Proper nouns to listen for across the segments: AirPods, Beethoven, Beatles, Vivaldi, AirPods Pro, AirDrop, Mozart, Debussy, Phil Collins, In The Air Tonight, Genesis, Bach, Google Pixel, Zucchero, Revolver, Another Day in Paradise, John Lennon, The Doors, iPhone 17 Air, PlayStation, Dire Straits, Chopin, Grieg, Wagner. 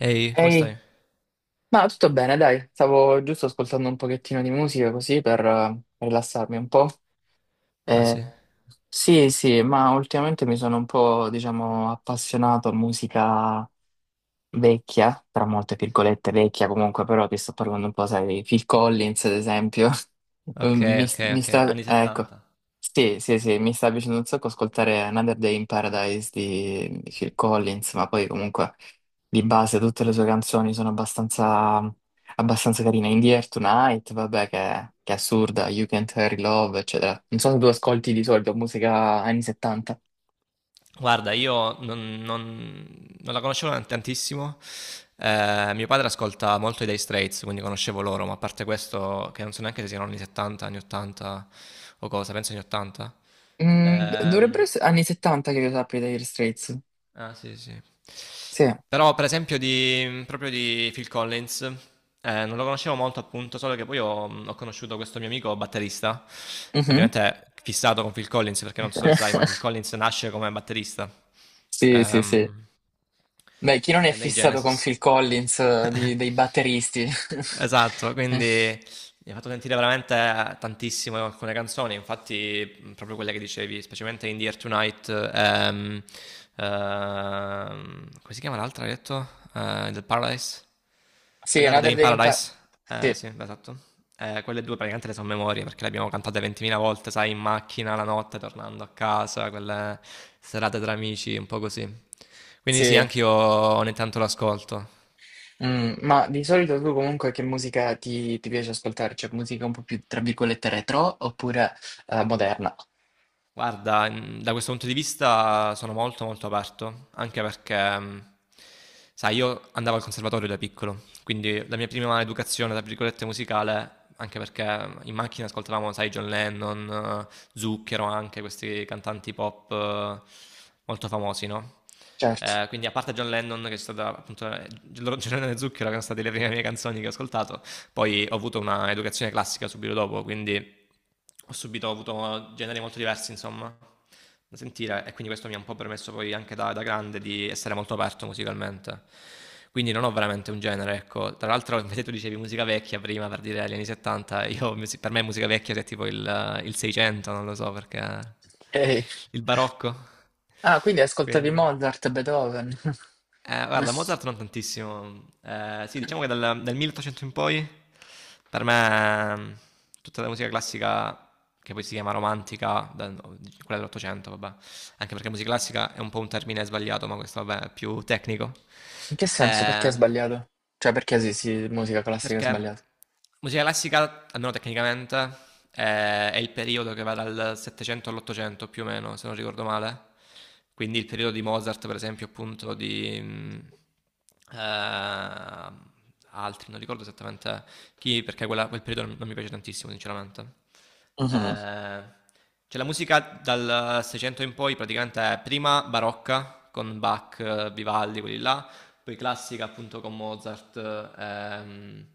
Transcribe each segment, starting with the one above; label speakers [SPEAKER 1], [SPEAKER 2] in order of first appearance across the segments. [SPEAKER 1] Ehi, come
[SPEAKER 2] Ehi,
[SPEAKER 1] stai?
[SPEAKER 2] ma tutto bene, dai, stavo giusto ascoltando un pochettino di musica così per rilassarmi un po'.
[SPEAKER 1] Ah
[SPEAKER 2] Eh,
[SPEAKER 1] sì.
[SPEAKER 2] sì, sì, ma ultimamente mi sono un po', diciamo, appassionato a musica vecchia, tra molte virgolette vecchia comunque, però ti sto parlando un po', sai, di Phil Collins ad esempio,
[SPEAKER 1] Ok,
[SPEAKER 2] Um, mi,
[SPEAKER 1] ok,
[SPEAKER 2] mi
[SPEAKER 1] ok.
[SPEAKER 2] sta,
[SPEAKER 1] Anni
[SPEAKER 2] ecco,
[SPEAKER 1] 70.
[SPEAKER 2] sì, sì, sì, mi sta piacendo un sacco ascoltare Another Day in Paradise di Phil Collins, ma poi comunque di base tutte le sue canzoni sono abbastanza, abbastanza carine, In the Air Tonight, vabbè, che è assurda, You Can't Hurry Love, eccetera. Non so se tu ascolti di solito musica anni 70.
[SPEAKER 1] Guarda, io non la conoscevo tantissimo. Mio padre ascolta molto i Day Straits, quindi conoscevo loro, ma a parte questo, che non so neanche se siano anni 70, anni 80 o cosa, penso anni 80.
[SPEAKER 2] Dovrebbero
[SPEAKER 1] Ehm,
[SPEAKER 2] essere anni 70 che io sappia degli Straits.
[SPEAKER 1] Ah, sì, sì.
[SPEAKER 2] Sì.
[SPEAKER 1] Però, per esempio, proprio di Phil Collins, non lo conoscevo molto, appunto, solo che poi ho conosciuto questo mio amico batterista,
[SPEAKER 2] Mhm.
[SPEAKER 1] ovviamente fissato con Phil Collins, perché non
[SPEAKER 2] Ecco.
[SPEAKER 1] so se sai, ma Phil Collins nasce come batterista
[SPEAKER 2] Sì, sì, sì.
[SPEAKER 1] ehm,
[SPEAKER 2] Beh, chi non è
[SPEAKER 1] nei
[SPEAKER 2] fissato con
[SPEAKER 1] Genesis.
[SPEAKER 2] Phil Collins, dei batteristi?
[SPEAKER 1] Esatto,
[SPEAKER 2] Eh,
[SPEAKER 1] quindi mi ha fatto sentire veramente tantissimo alcune canzoni, infatti proprio quelle che dicevi, specialmente In The Air Tonight, come si chiama l'altra, hai detto? Del Paradise?
[SPEAKER 2] sì,
[SPEAKER 1] Another Day
[SPEAKER 2] Another
[SPEAKER 1] in
[SPEAKER 2] Day in Pa-
[SPEAKER 1] Paradise?
[SPEAKER 2] sì,
[SPEAKER 1] Sì, esatto. Quelle due praticamente le sono memorie perché le abbiamo cantate 20.000 volte, sai, in macchina la notte, tornando a casa, quelle serate tra amici, un po' così. Quindi sì,
[SPEAKER 2] sì.
[SPEAKER 1] anche io ogni tanto l'ascolto.
[SPEAKER 2] Ma di solito tu comunque che musica ti piace ascoltare? Cioè, musica un po' più, tra virgolette, retro oppure moderna?
[SPEAKER 1] Guarda, da questo punto di vista sono molto, molto aperto, anche perché sai io andavo al conservatorio da piccolo, quindi la mia prima "educazione" tra virgolette musicale, anche perché in macchina ascoltavamo, sai, John Lennon, Zucchero anche, questi cantanti pop molto famosi, no,
[SPEAKER 2] Certo.
[SPEAKER 1] quindi a parte John Lennon che è stata appunto John Lennon e Zucchero che erano state le prime mie canzoni che ho ascoltato, poi ho avuto una educazione classica subito dopo, quindi ho avuto generi molto diversi, insomma, da sentire e quindi questo mi ha un po' permesso poi anche da grande di essere molto aperto musicalmente. Quindi non ho veramente un genere, ecco. Tra l'altro, invece tu dicevi musica vecchia prima per dire gli anni 70, per me musica vecchia è tipo il 600, non lo so perché.
[SPEAKER 2] Ehi.
[SPEAKER 1] Il barocco.
[SPEAKER 2] Ah, quindi ascoltavi
[SPEAKER 1] Quindi.
[SPEAKER 2] Mozart, Beethoven?
[SPEAKER 1] Guarda, Mozart non tantissimo. Sì, diciamo che dal 1800 in poi, per me, tutta la musica classica, che poi si chiama romantica, no, quella dell'Ottocento, vabbè, anche perché musica classica è un po' un termine sbagliato, ma questo, vabbè, è più tecnico.
[SPEAKER 2] In che senso? Perché è
[SPEAKER 1] Eh,
[SPEAKER 2] sbagliato? Cioè, perché sì, sì, musica classica è
[SPEAKER 1] perché
[SPEAKER 2] sbagliata?
[SPEAKER 1] musica classica, almeno tecnicamente, è il periodo che va dal 700 all'800 più o meno, se non ricordo male. Quindi il periodo di Mozart, per esempio, appunto, eh, altri, non ricordo esattamente chi, perché quel periodo non mi piace tantissimo, sinceramente.
[SPEAKER 2] Mhm,
[SPEAKER 1] Eh, c'è la musica dal 600 in poi, praticamente è prima barocca, con Bach, Vivaldi, quelli là, poi classica appunto con Mozart ehm,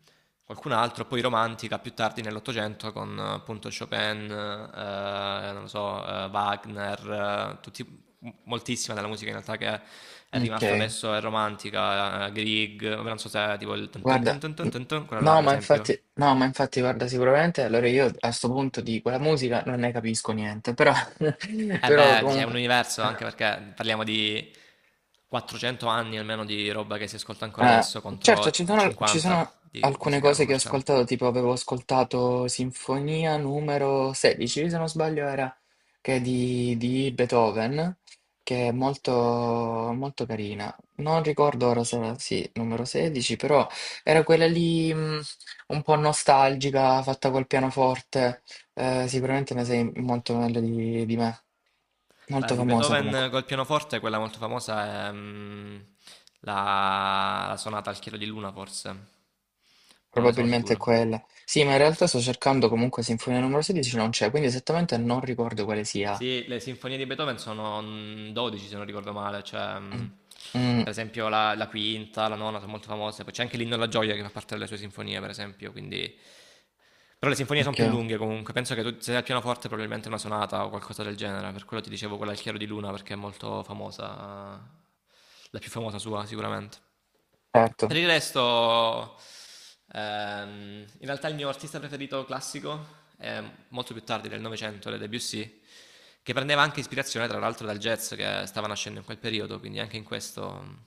[SPEAKER 1] qualcun altro, poi romantica più tardi nell'Ottocento con appunto Chopin, non lo so, Wagner, tutti, moltissima della musica in realtà che è
[SPEAKER 2] ok,
[SPEAKER 1] rimasta adesso è romantica, Grieg, non so se è tipo il tun tun tun
[SPEAKER 2] guarda,
[SPEAKER 1] tun tun tun tun, quello là
[SPEAKER 2] no,
[SPEAKER 1] per
[SPEAKER 2] ma
[SPEAKER 1] esempio.
[SPEAKER 2] infatti, no, ma infatti, guarda, sicuramente, allora io a sto punto di quella musica non ne capisco niente, però,
[SPEAKER 1] E Eh
[SPEAKER 2] però
[SPEAKER 1] beh, dice, è un
[SPEAKER 2] comunque,
[SPEAKER 1] universo
[SPEAKER 2] eh,
[SPEAKER 1] anche perché parliamo di 400 anni almeno di roba che si ascolta ancora
[SPEAKER 2] Eh,
[SPEAKER 1] adesso
[SPEAKER 2] certo, ci
[SPEAKER 1] contro
[SPEAKER 2] sono, ci sono
[SPEAKER 1] 50 di
[SPEAKER 2] alcune
[SPEAKER 1] musica
[SPEAKER 2] cose che ho
[SPEAKER 1] commerciale.
[SPEAKER 2] ascoltato, tipo avevo ascoltato Sinfonia numero 16, se non sbaglio era, che è di Beethoven, che è molto, molto carina. Non ricordo ora se era, sì, numero 16, però era quella lì un po' nostalgica, fatta col pianoforte. Sicuramente ne sei molto meglio di me. Molto
[SPEAKER 1] Guarda, di
[SPEAKER 2] famosa comunque.
[SPEAKER 1] Beethoven col pianoforte, quella molto famosa è la sonata al chiaro di luna, forse, ma non ne sono
[SPEAKER 2] Probabilmente è
[SPEAKER 1] sicuro.
[SPEAKER 2] quella. Sì, ma in realtà sto cercando comunque Sinfonia numero 16, non c'è, quindi esattamente non ricordo quale sia.
[SPEAKER 1] Sì, le sinfonie di Beethoven sono 12, se non ricordo male, cioè,
[SPEAKER 2] Mm, mm,
[SPEAKER 1] per esempio la quinta, la nona sono molto famose, poi c'è anche l'Inno alla gioia che fa parte delle sue sinfonie, per esempio, quindi. Però le sinfonie sono
[SPEAKER 2] ok,
[SPEAKER 1] più lunghe comunque, penso che tu, se sei al pianoforte probabilmente è una sonata o qualcosa del genere, per quello ti dicevo quella al chiaro di luna perché è molto famosa, la più famosa sua sicuramente. Per
[SPEAKER 2] certo.
[SPEAKER 1] il resto, ehm, in realtà il mio artista preferito classico è molto più tardi del Novecento, le Debussy, che prendeva anche ispirazione tra l'altro dal jazz che stava nascendo in quel periodo, quindi anche in questo,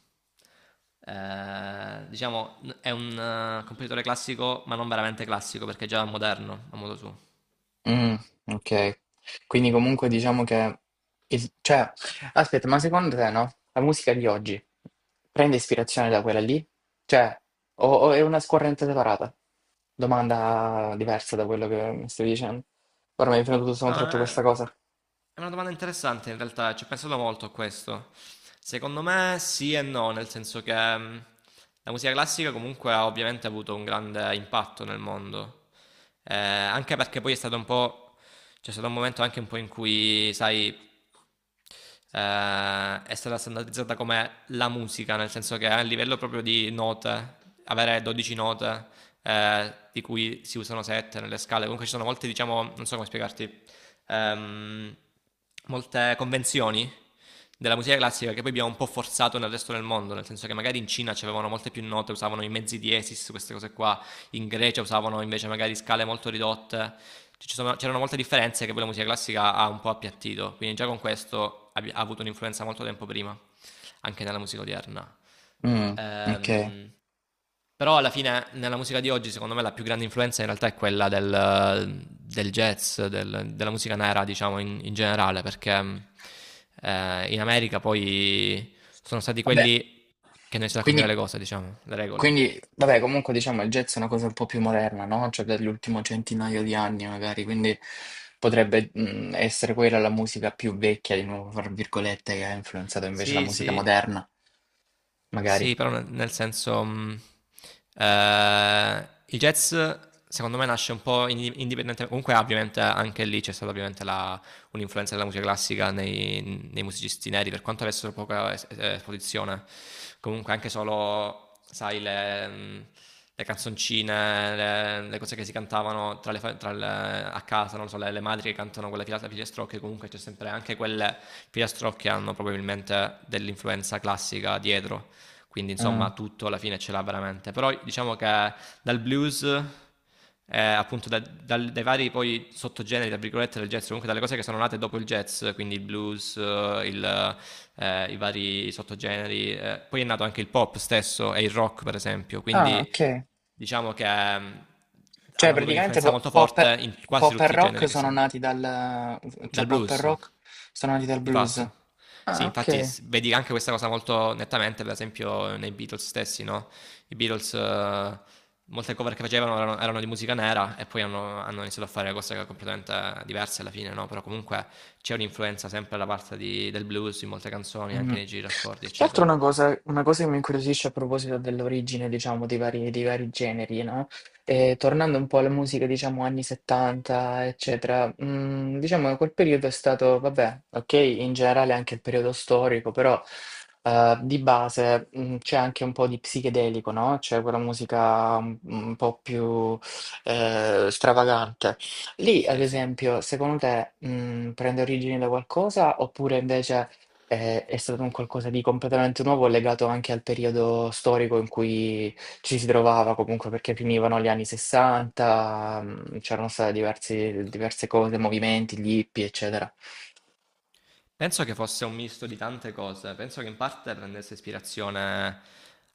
[SPEAKER 1] diciamo, è un compositore classico, ma non veramente classico perché è già moderno a modo suo.
[SPEAKER 2] Mm, ok. Quindi comunque diciamo che... cioè, aspetta, ma secondo te no? La musica di oggi prende ispirazione da quella lì? Cioè, o è una scorrente separata? Domanda diversa da quello che mi stavi dicendo. Ora mi è venuto tutto
[SPEAKER 1] No,
[SPEAKER 2] sottratto questa cosa.
[SPEAKER 1] è una domanda interessante in realtà, ci ho pensato molto a questo. Secondo me sì e no, nel senso che mm, la musica classica comunque ha ovviamente avuto un grande impatto nel mondo. Anche perché poi è stato un po', c'è stato un momento anche un po' in cui, sai, è stata standardizzata come la musica, nel senso che a livello proprio di note, avere 12 note, di cui si usano 7 nelle scale, comunque ci sono molte, diciamo, non so come spiegarti, ehm, molte convenzioni della musica classica che poi abbiamo un po' forzato nel resto del mondo, nel senso che magari in Cina ci avevano molte più note, usavano i mezzi diesis, queste cose qua, in Grecia usavano invece magari scale molto ridotte. C'erano molte differenze che poi la musica classica ha un po' appiattito, quindi già con questo ha avuto un'influenza molto tempo prima, anche nella musica odierna.
[SPEAKER 2] Mm, ok.
[SPEAKER 1] Ehm, però alla fine nella musica di oggi, secondo me, la più grande influenza in realtà è quella del jazz, della musica nera, diciamo, in generale, perché in America poi sono stati
[SPEAKER 2] Vabbè.
[SPEAKER 1] quelli che hanno iniziato a cambiare
[SPEAKER 2] quindi
[SPEAKER 1] le cose, diciamo, le regole.
[SPEAKER 2] Quindi, vabbè, comunque diciamo il jazz è una cosa un po' più moderna, no? Cioè dell'ultimo centinaio di anni magari, quindi potrebbe essere quella la musica più vecchia, di nuovo, fra virgolette, che ha influenzato invece la
[SPEAKER 1] Sì,
[SPEAKER 2] musica
[SPEAKER 1] sì,
[SPEAKER 2] moderna, magari.
[SPEAKER 1] sì, però nel senso, il jazz secondo me nasce un po' indipendente comunque ovviamente anche lì c'è stata ovviamente la un'influenza della musica classica nei musicisti neri, per quanto avessero poca es esposizione. Comunque anche solo, sai, le canzoncine, le cose che si cantavano tra le a casa, non lo so, le madri che cantano quella filata filastrocche, comunque c'è sempre anche quelle filastrocche che hanno probabilmente dell'influenza classica dietro, quindi
[SPEAKER 2] Mm.
[SPEAKER 1] insomma tutto alla fine ce l'ha veramente. Però diciamo che dal blues, appunto dai vari poi sottogeneri, tra virgolette, del jazz, comunque dalle cose che sono nate dopo il jazz, quindi il blues, i vari sottogeneri, poi è nato anche il pop stesso e il rock per esempio,
[SPEAKER 2] Ah,
[SPEAKER 1] quindi
[SPEAKER 2] ok.
[SPEAKER 1] diciamo che mm,
[SPEAKER 2] Cioè
[SPEAKER 1] hanno avuto
[SPEAKER 2] praticamente
[SPEAKER 1] un'influenza molto
[SPEAKER 2] pop,
[SPEAKER 1] forte in quasi
[SPEAKER 2] pop e
[SPEAKER 1] tutti i generi
[SPEAKER 2] rock
[SPEAKER 1] che si.
[SPEAKER 2] sono nati dal... cioè
[SPEAKER 1] Dal
[SPEAKER 2] pop e
[SPEAKER 1] blues,
[SPEAKER 2] rock sono nati dal
[SPEAKER 1] di
[SPEAKER 2] blues.
[SPEAKER 1] fatto. Sì,
[SPEAKER 2] Ah,
[SPEAKER 1] infatti
[SPEAKER 2] ok.
[SPEAKER 1] vedi anche questa cosa molto nettamente, per esempio, nei Beatles stessi, no? I Beatles, molte cover che facevano erano di musica nera e poi hanno iniziato a fare cose completamente diverse alla fine, no? Però comunque c'è un'influenza sempre da parte del blues in molte canzoni,
[SPEAKER 2] Mm.
[SPEAKER 1] anche nei giri d'accordi,
[SPEAKER 2] Più che altro
[SPEAKER 1] eccetera.
[SPEAKER 2] una cosa che mi incuriosisce a proposito dell'origine, diciamo, dei vari generi, no? E tornando un po' alla musica, diciamo, anni 70, eccetera, diciamo che quel periodo è stato, vabbè, ok, in generale anche il periodo storico, però di base c'è anche un po' di psichedelico, no? C'è quella musica un po' più stravagante. Lì, ad
[SPEAKER 1] Sì, sì.
[SPEAKER 2] esempio, secondo te, prende origine da qualcosa oppure invece è stato un qualcosa di completamente nuovo, legato anche al periodo storico in cui ci si trovava comunque, perché finivano gli anni 60, c'erano state diversi diverse cose, movimenti, gli hippie, eccetera.
[SPEAKER 1] Penso che fosse un misto di tante cose, penso che in parte prendesse ispirazione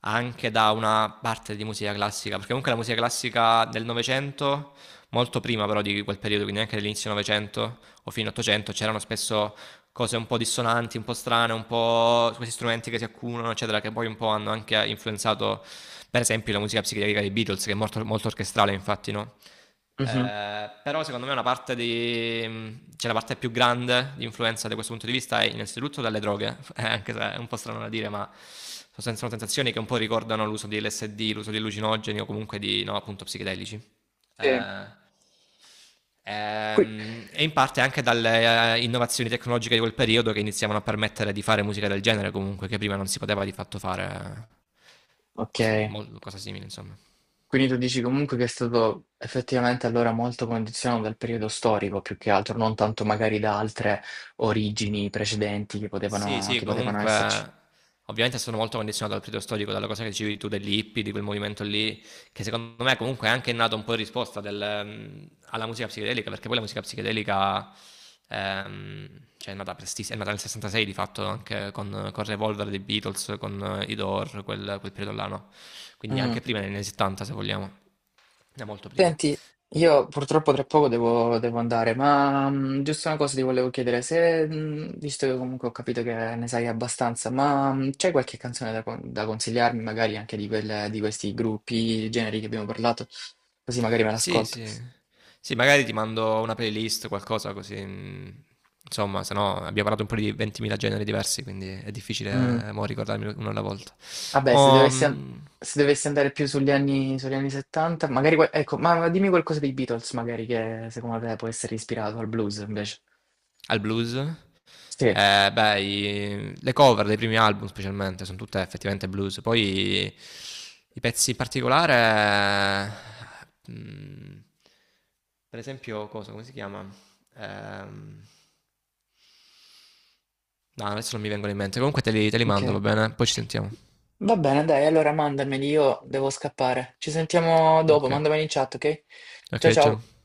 [SPEAKER 1] anche da una parte di musica classica, perché comunque la musica classica del Novecento, molto prima però di quel periodo, quindi anche dell'inizio Novecento o fino all'Ottocento, c'erano spesso cose un po' dissonanti, un po' strane, un po' questi strumenti che si accumulano, eccetera, che poi un po' hanno anche influenzato, per esempio, la musica psichedelica dei Beatles, che è molto, molto orchestrale, infatti, no?
[SPEAKER 2] Mh-mh.
[SPEAKER 1] Però secondo me cioè la parte più grande di influenza da questo punto di vista è innanzitutto dalle droghe, anche se è un po' strano da dire, ma sono sensazioni che un po' ricordano l'uso di LSD, l'uso di allucinogeni o comunque no, appunto, psichedelici.
[SPEAKER 2] Sì.
[SPEAKER 1] Eh,
[SPEAKER 2] Qui
[SPEAKER 1] e in parte anche dalle innovazioni tecnologiche di quel periodo che iniziavano a permettere di fare musica del genere comunque, che prima non si poteva di fatto fare
[SPEAKER 2] okay.
[SPEAKER 1] cosa simile, insomma.
[SPEAKER 2] Quindi tu dici comunque che è stato effettivamente allora molto condizionato dal periodo storico, più che altro, non tanto magari da altre origini precedenti che
[SPEAKER 1] Sì,
[SPEAKER 2] potevano
[SPEAKER 1] sì,
[SPEAKER 2] che potevano esserci.
[SPEAKER 1] comunque ovviamente sono molto condizionato dal periodo storico, dalla cosa che dicevi tu degli hippie, di quel movimento lì, che secondo me comunque è anche nato un po' in risposta alla musica psichedelica, perché poi la musica psichedelica cioè è nata prestissimo, è nata nel 66 di fatto, anche con Revolver dei Beatles, con i Door, quel periodo là, no? Quindi
[SPEAKER 2] Mh.
[SPEAKER 1] anche prima, negli anni 70 se vogliamo, è molto prima.
[SPEAKER 2] Senti, io purtroppo tra poco devo andare, ma giusto una cosa ti volevo chiedere, se, visto che comunque ho capito che ne sai abbastanza, ma c'è qualche canzone da, da consigliarmi, magari anche di questi gruppi, generi che abbiamo parlato, così magari me
[SPEAKER 1] Sì,
[SPEAKER 2] l'ascolto.
[SPEAKER 1] sì. Sì, magari ti mando una playlist, qualcosa così. Insomma, se no abbiamo parlato un po' di 20.000 generi diversi, quindi è
[SPEAKER 2] Mm,
[SPEAKER 1] difficile mo ricordarmi uno alla volta.
[SPEAKER 2] vabbè,
[SPEAKER 1] Mo,
[SPEAKER 2] se dovessi andare più sugli anni, 70, magari, ecco, ma dimmi qualcosa dei Beatles, magari, che secondo te può essere ispirato al blues invece.
[SPEAKER 1] al blues,
[SPEAKER 2] Sì,
[SPEAKER 1] beh, le cover dei primi album specialmente sono tutte effettivamente blues. Poi i pezzi in particolare, eh, mm, per esempio, cosa, come si chiama? Ehm, No, adesso non mi vengono in mente. Comunque te li
[SPEAKER 2] ok.
[SPEAKER 1] mando, va bene? Poi ci sentiamo.
[SPEAKER 2] Va bene, dai, allora mandameli, io devo scappare. Ci sentiamo dopo,
[SPEAKER 1] Ok,
[SPEAKER 2] mandameli in chat, ok? Ciao
[SPEAKER 1] ok,
[SPEAKER 2] ciao.
[SPEAKER 1] ciao.